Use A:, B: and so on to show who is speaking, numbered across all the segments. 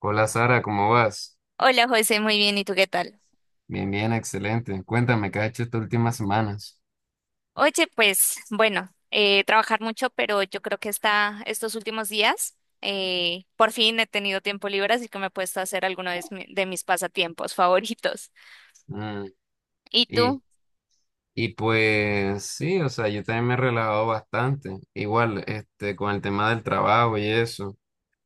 A: Hola Sara, ¿cómo vas?
B: Hola José, muy bien, ¿y tú qué tal?
A: Bien, bien, excelente. Cuéntame, ¿qué has hecho estas últimas semanas?
B: Oye, pues bueno, trabajar mucho, pero yo creo que está estos últimos días, por fin he tenido tiempo libre, así que me he puesto a hacer alguno de mis pasatiempos favoritos.
A: Mm.
B: ¿Y
A: y,
B: tú?
A: y pues sí, o sea, yo también me he relajado bastante. Igual, este, con el tema del trabajo y eso,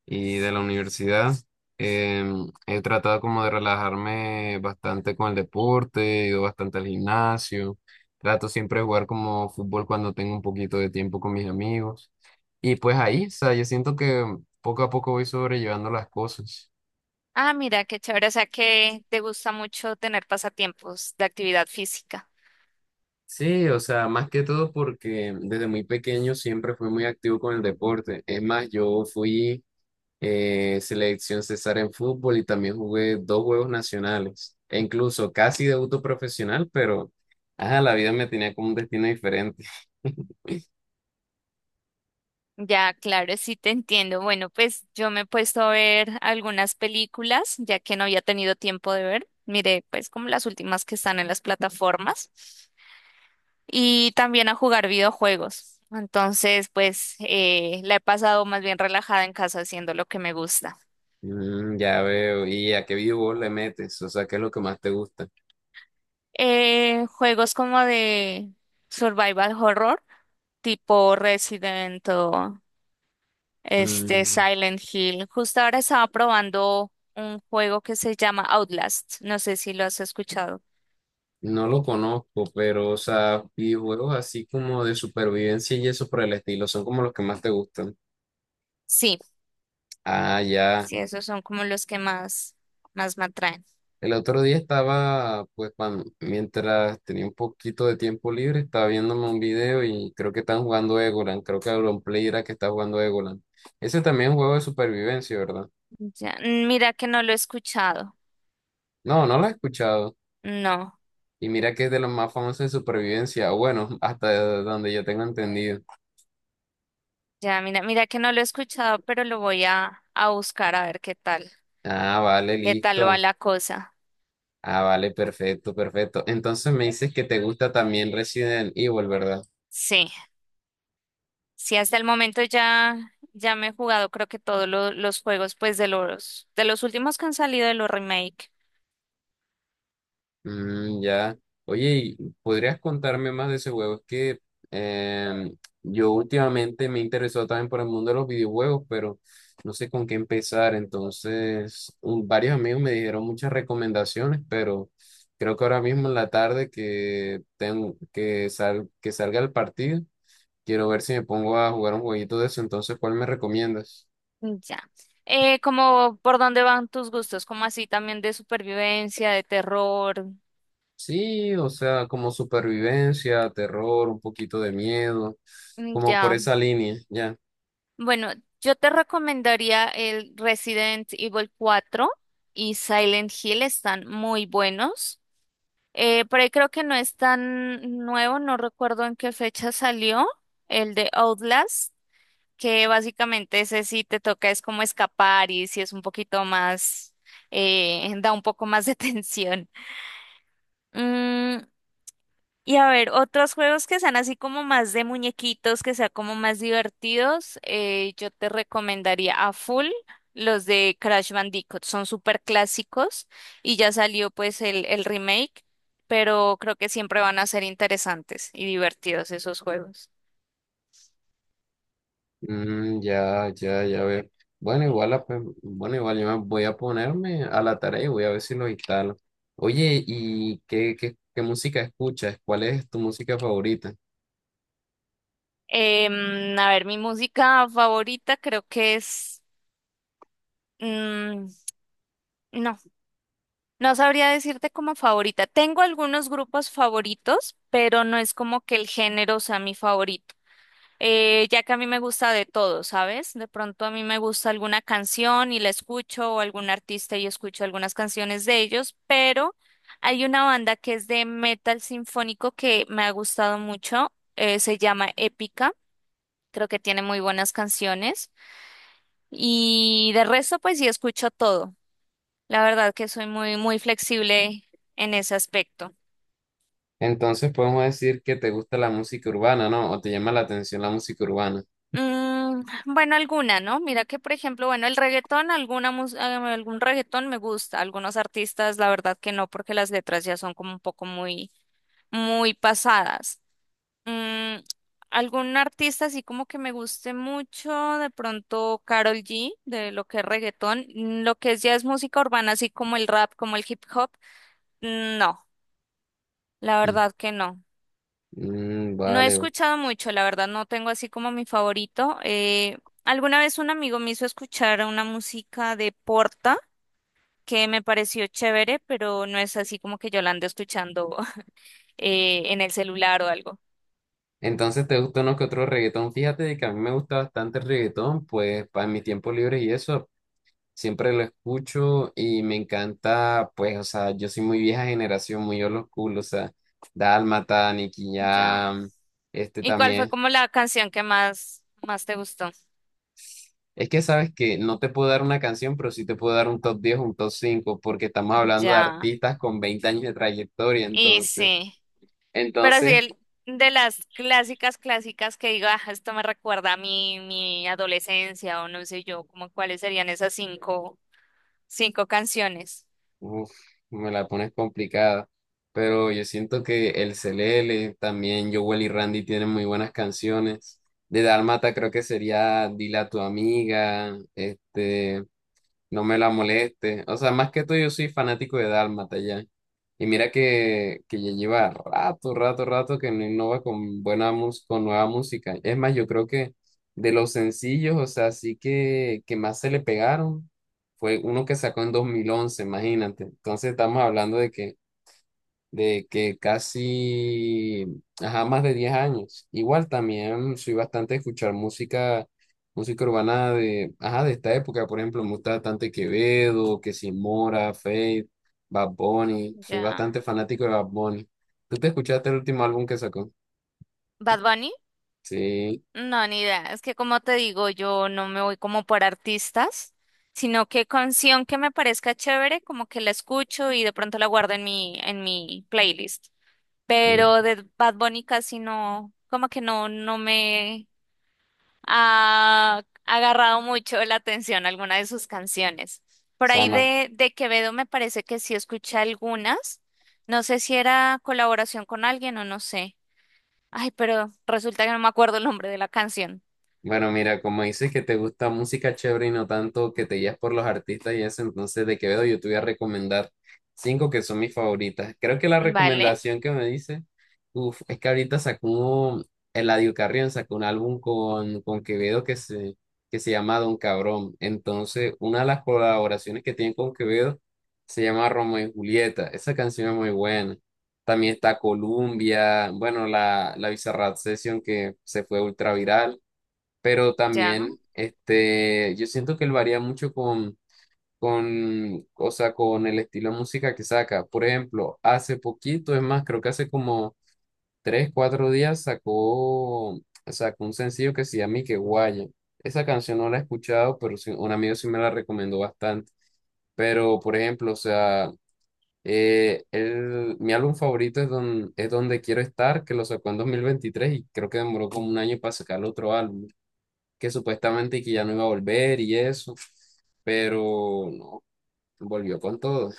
A: y de la universidad, he tratado como de relajarme bastante con el deporte, he ido bastante al gimnasio, trato siempre de jugar como fútbol cuando tengo un poquito de tiempo con mis amigos. Y pues ahí, o sea, yo siento que poco a poco voy sobrellevando las cosas.
B: Ah, mira, qué chévere, o sea que te gusta mucho tener pasatiempos de actividad física.
A: Sí, o sea, más que todo porque desde muy pequeño siempre fui muy activo con el deporte. Es más, yo fui selección César en fútbol y también jugué dos juegos nacionales. E incluso casi debuto profesional, pero ajá, la vida me tenía como un destino diferente.
B: Ya, claro, sí te entiendo. Bueno, pues yo me he puesto a ver algunas películas, ya que no había tenido tiempo de ver. Miré, pues como las últimas que están en las plataformas, y también a jugar videojuegos. Entonces, pues la he pasado más bien relajada en casa haciendo lo que me gusta.
A: Ya veo. ¿Y a qué videojuego le metes? O sea, ¿qué es lo que más te gusta?
B: Juegos como de survival horror, tipo Resident o este
A: Mm,
B: Silent Hill. Justo ahora estaba probando un juego que se llama Outlast. No sé si lo has escuchado.
A: no lo conozco, pero, o sea, videojuegos así como de supervivencia y eso por el estilo, son como los que más te gustan.
B: Sí,
A: Ah, ya.
B: sí, esos son como los que más, más me atraen.
A: El otro día estaba, pues, mientras tenía un poquito de tiempo libre, estaba viéndome un video y creo que están jugando Egoland. Creo que Auronplay era que está jugando Egoland. Ese también es un juego de supervivencia, ¿verdad?
B: Ya, mira que no lo he escuchado.
A: No, no lo he escuchado.
B: No.
A: Y mira que es de los más famosos de supervivencia. O Bueno, hasta donde yo tengo entendido.
B: Ya, mira, mira que no lo he escuchado, pero lo voy a buscar a ver
A: Ah, vale,
B: qué tal va
A: listo.
B: la cosa.
A: Ah, vale, perfecto, perfecto. Entonces me dices que te gusta también Resident Evil, ¿verdad?
B: Sí, sí, hasta el momento ya, ya me he jugado creo que todos los juegos, pues de los últimos que han salido de los remake.
A: Mm, ya. Oye, ¿Podrías contarme más de ese juego? Es que em, yo últimamente me he interesado también por el mundo de los videojuegos, pero no sé con qué empezar. Entonces, varios amigos me dijeron muchas recomendaciones, pero creo que ahora mismo en la tarde que tengo que salga el partido, quiero ver si me pongo a jugar un jueguito de eso. Entonces, ¿cuál me recomiendas?
B: Ya. Como, ¿por dónde van tus gustos? Como así también de supervivencia, de terror.
A: Sí, o sea, como supervivencia, terror, un poquito de miedo, como por
B: Ya.
A: esa línea, ya.
B: Bueno, yo te recomendaría el Resident Evil 4 y Silent Hill, están muy buenos. Por ahí creo que no es tan nuevo, no recuerdo en qué fecha salió el de Outlast, que básicamente ese sí te toca es como escapar y si es un poquito más, da un poco más de tensión. Mm, y a ver, otros juegos que sean así como más de muñequitos, que sean como más divertidos, yo te recomendaría a full los de Crash Bandicoot. Son súper clásicos y ya salió pues el remake, pero creo que siempre van a ser interesantes y divertidos esos juegos.
A: Mm, ya, ya, ya veo. Bueno, igual, yo me voy a ponerme a la tarea y voy a ver si lo instalo. Oye, ¿y qué música escuchas? ¿Cuál es tu música favorita?
B: A ver, mi música favorita creo que es... mm, no, no sabría decirte como favorita. Tengo algunos grupos favoritos, pero no es como que el género sea mi favorito. Ya que a mí me gusta de todo, ¿sabes? De pronto a mí me gusta alguna canción y la escucho, o algún artista y escucho algunas canciones de ellos, pero hay una banda que es de metal sinfónico que me ha gustado mucho, se llama Épica, creo que tiene muy buenas canciones y de resto pues sí escucho todo. La verdad que soy muy, muy flexible en ese aspecto.
A: Entonces podemos decir que te gusta la música urbana, ¿no? ¿O te llama la atención la música urbana?
B: Bueno, alguna, ¿no? Mira que, por ejemplo, bueno, el reggaetón, algún reggaetón me gusta, algunos artistas, la verdad que no, porque las letras ya son como un poco muy, muy pasadas. Mm, algún artista así como que me guste mucho, de pronto Carol G, de lo que es reggaetón. Lo que es ya es música urbana, así como el rap, como el hip hop, no, la
A: Mm,
B: verdad que no.
A: mm,
B: No he
A: vale.
B: escuchado mucho, la verdad, no tengo así como mi favorito. Alguna vez un amigo me hizo escuchar una música de Porta que me pareció chévere, pero no es así como que yo la ando escuchando en el celular o algo.
A: Entonces, ¿te gusta uno que otro reggaetón? Fíjate de que a mí me gusta bastante el reggaetón, pues para mi tiempo libre y eso, siempre lo escucho y me encanta, pues, o sea, yo soy muy vieja generación, muy old school, o sea, Dálmata, Nicky
B: Ya.
A: Jam, este
B: ¿Y cuál fue
A: también.
B: como la canción que más, más te gustó?
A: Es que sabes que no te puedo dar una canción, pero sí te puedo dar un top 10, un top 5 porque estamos hablando de
B: Ya.
A: artistas con 20 años de trayectoria,
B: Y
A: entonces.
B: sí, pero sí
A: Entonces,
B: de las clásicas, clásicas que digo, ah, esto me recuerda a mi adolescencia o no sé yo, como cuáles serían esas cinco canciones.
A: uf, me la pones complicada. Pero yo siento que el Celele, también Jowell y Randy tienen muy buenas canciones. De Dálmata creo que sería Dile a tu amiga, este, no me la moleste. O sea, más que todo yo soy fanático de Dálmata ya. Y mira que ya lleva rato, rato, rato que no innova con nueva música. Es más, yo creo que de los sencillos, o sea, sí que más se le pegaron fue uno que sacó en 2011, imagínate. Entonces estamos hablando de que casi, ajá, más de 10 años. Igual también soy bastante a escuchar música urbana de, ajá, de esta época, por ejemplo, me gusta bastante Quevedo, que si Mora, Feid, Bad Bunny, soy
B: Ya.
A: bastante fanático de Bad Bunny. ¿Tú te escuchaste el último álbum que sacó?
B: ¿Bad Bunny?
A: Sí.
B: No, ni idea. Es que como te digo, yo no me voy como por artistas, sino que canción que me parezca chévere, como que la escucho y de pronto la guardo en mi, playlist. Pero
A: Mm.
B: de Bad Bunny casi no, como que no, no me ha agarrado mucho la atención alguna de sus canciones. Por ahí
A: Sana.
B: de Quevedo me parece que sí escuché algunas. No sé si era colaboración con alguien o no sé. Ay, pero resulta que no me acuerdo el nombre de la canción.
A: Bueno, mira, como dices que te gusta música chévere y no tanto que te guías por los artistas y eso, entonces de Quevedo yo te voy a recomendar cinco que son mis favoritas. Creo que la
B: Vale,
A: recomendación que me dice, uf, es que ahorita sacó un, Eladio Carrión sacó un álbum con Quevedo que se llama Don Cabrón. Entonces, una de las colaboraciones que tiene con Quevedo se llama Romeo y Julieta. Esa canción es muy buena. También está Columbia, bueno, la Bizarrap Session que se fue ultra viral, pero
B: ya.
A: también este, yo siento que él varía mucho o sea, con el estilo de música que saca. Por ejemplo, hace poquito, es más, creo que hace como 3, 4 días sacó un sencillo que se llama Que Guaya. Esa canción no la he escuchado, pero un amigo sí me la recomendó bastante. Pero, por ejemplo, o sea, mi álbum favorito es Donde Quiero Estar, que lo sacó en 2023 y creo que demoró como un año para sacar el otro álbum que supuestamente que ya no iba a volver y eso, pero no, volvió con todo.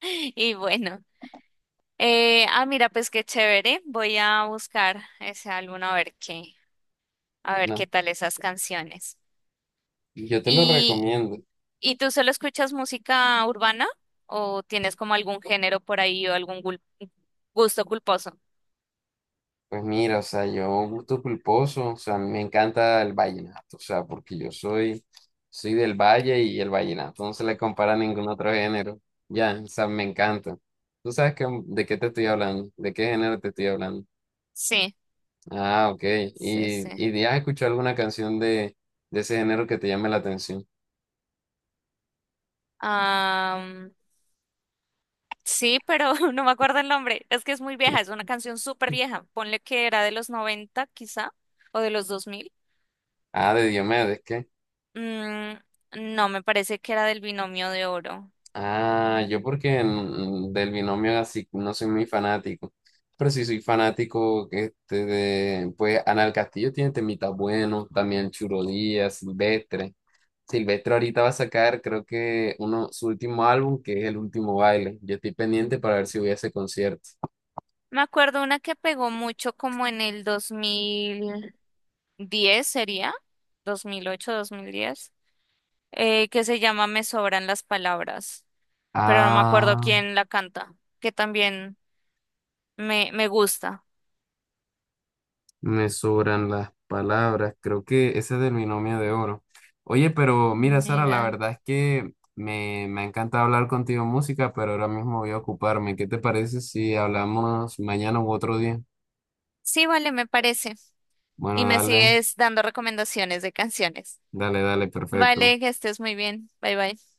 B: Y bueno, ah, mira, pues qué chévere. Voy a buscar ese álbum a ver qué, a ver
A: No,
B: qué tal esas canciones.
A: yo te lo
B: ¿Y,
A: recomiendo.
B: y tú solo escuchas música urbana o tienes como algún género por ahí o algún gusto culposo?
A: Pues mira, o sea, yo gusto culposo, o sea, a mí me encanta el vallenato, o sea, porque yo soy del valle y el vallenato no se le compara a ningún otro género. Ya, o sea, me encanta. ¿Tú sabes de qué te estoy hablando? ¿De qué género te estoy hablando?
B: Sí,
A: Ah, ok.
B: sí,
A: ¿Y,
B: sí.
A: y has escuchado alguna canción de ese género que te llame la atención?
B: Sí, pero no me acuerdo el nombre. Es que es muy vieja, es una canción súper vieja. Ponle que era de los 90, quizá, o de los 2000.
A: Ah, de Diomedes, ¿qué?
B: Mm, no, me parece que era del Binomio de Oro.
A: Ah, yo porque del binomio así no soy muy fanático, pero sí soy fanático este de, pues Anal Castillo tiene temitas buenos, también Churo Díaz, Silvestre. Silvestre ahorita va a sacar creo que su último álbum que es El Último Baile. Yo estoy pendiente
B: Mm.
A: para ver si voy a ese concierto.
B: Me acuerdo una que pegó mucho como en el 2010 sería, 2008, 2010, que se llama Me sobran las palabras, pero no me acuerdo
A: Ah.
B: quién la canta, que también me gusta.
A: Me sobran las palabras, creo que ese es del binomio de oro. Oye, pero mira, Sara, la
B: Mira.
A: verdad es que me ha encantado hablar contigo en música, pero ahora mismo voy a ocuparme. ¿Qué te parece si hablamos mañana u otro día?
B: Sí, vale, me parece, y
A: Bueno,
B: me
A: dale,
B: sigues dando recomendaciones de canciones.
A: dale, dale, perfecto.
B: Vale, que estés muy bien. Bye bye.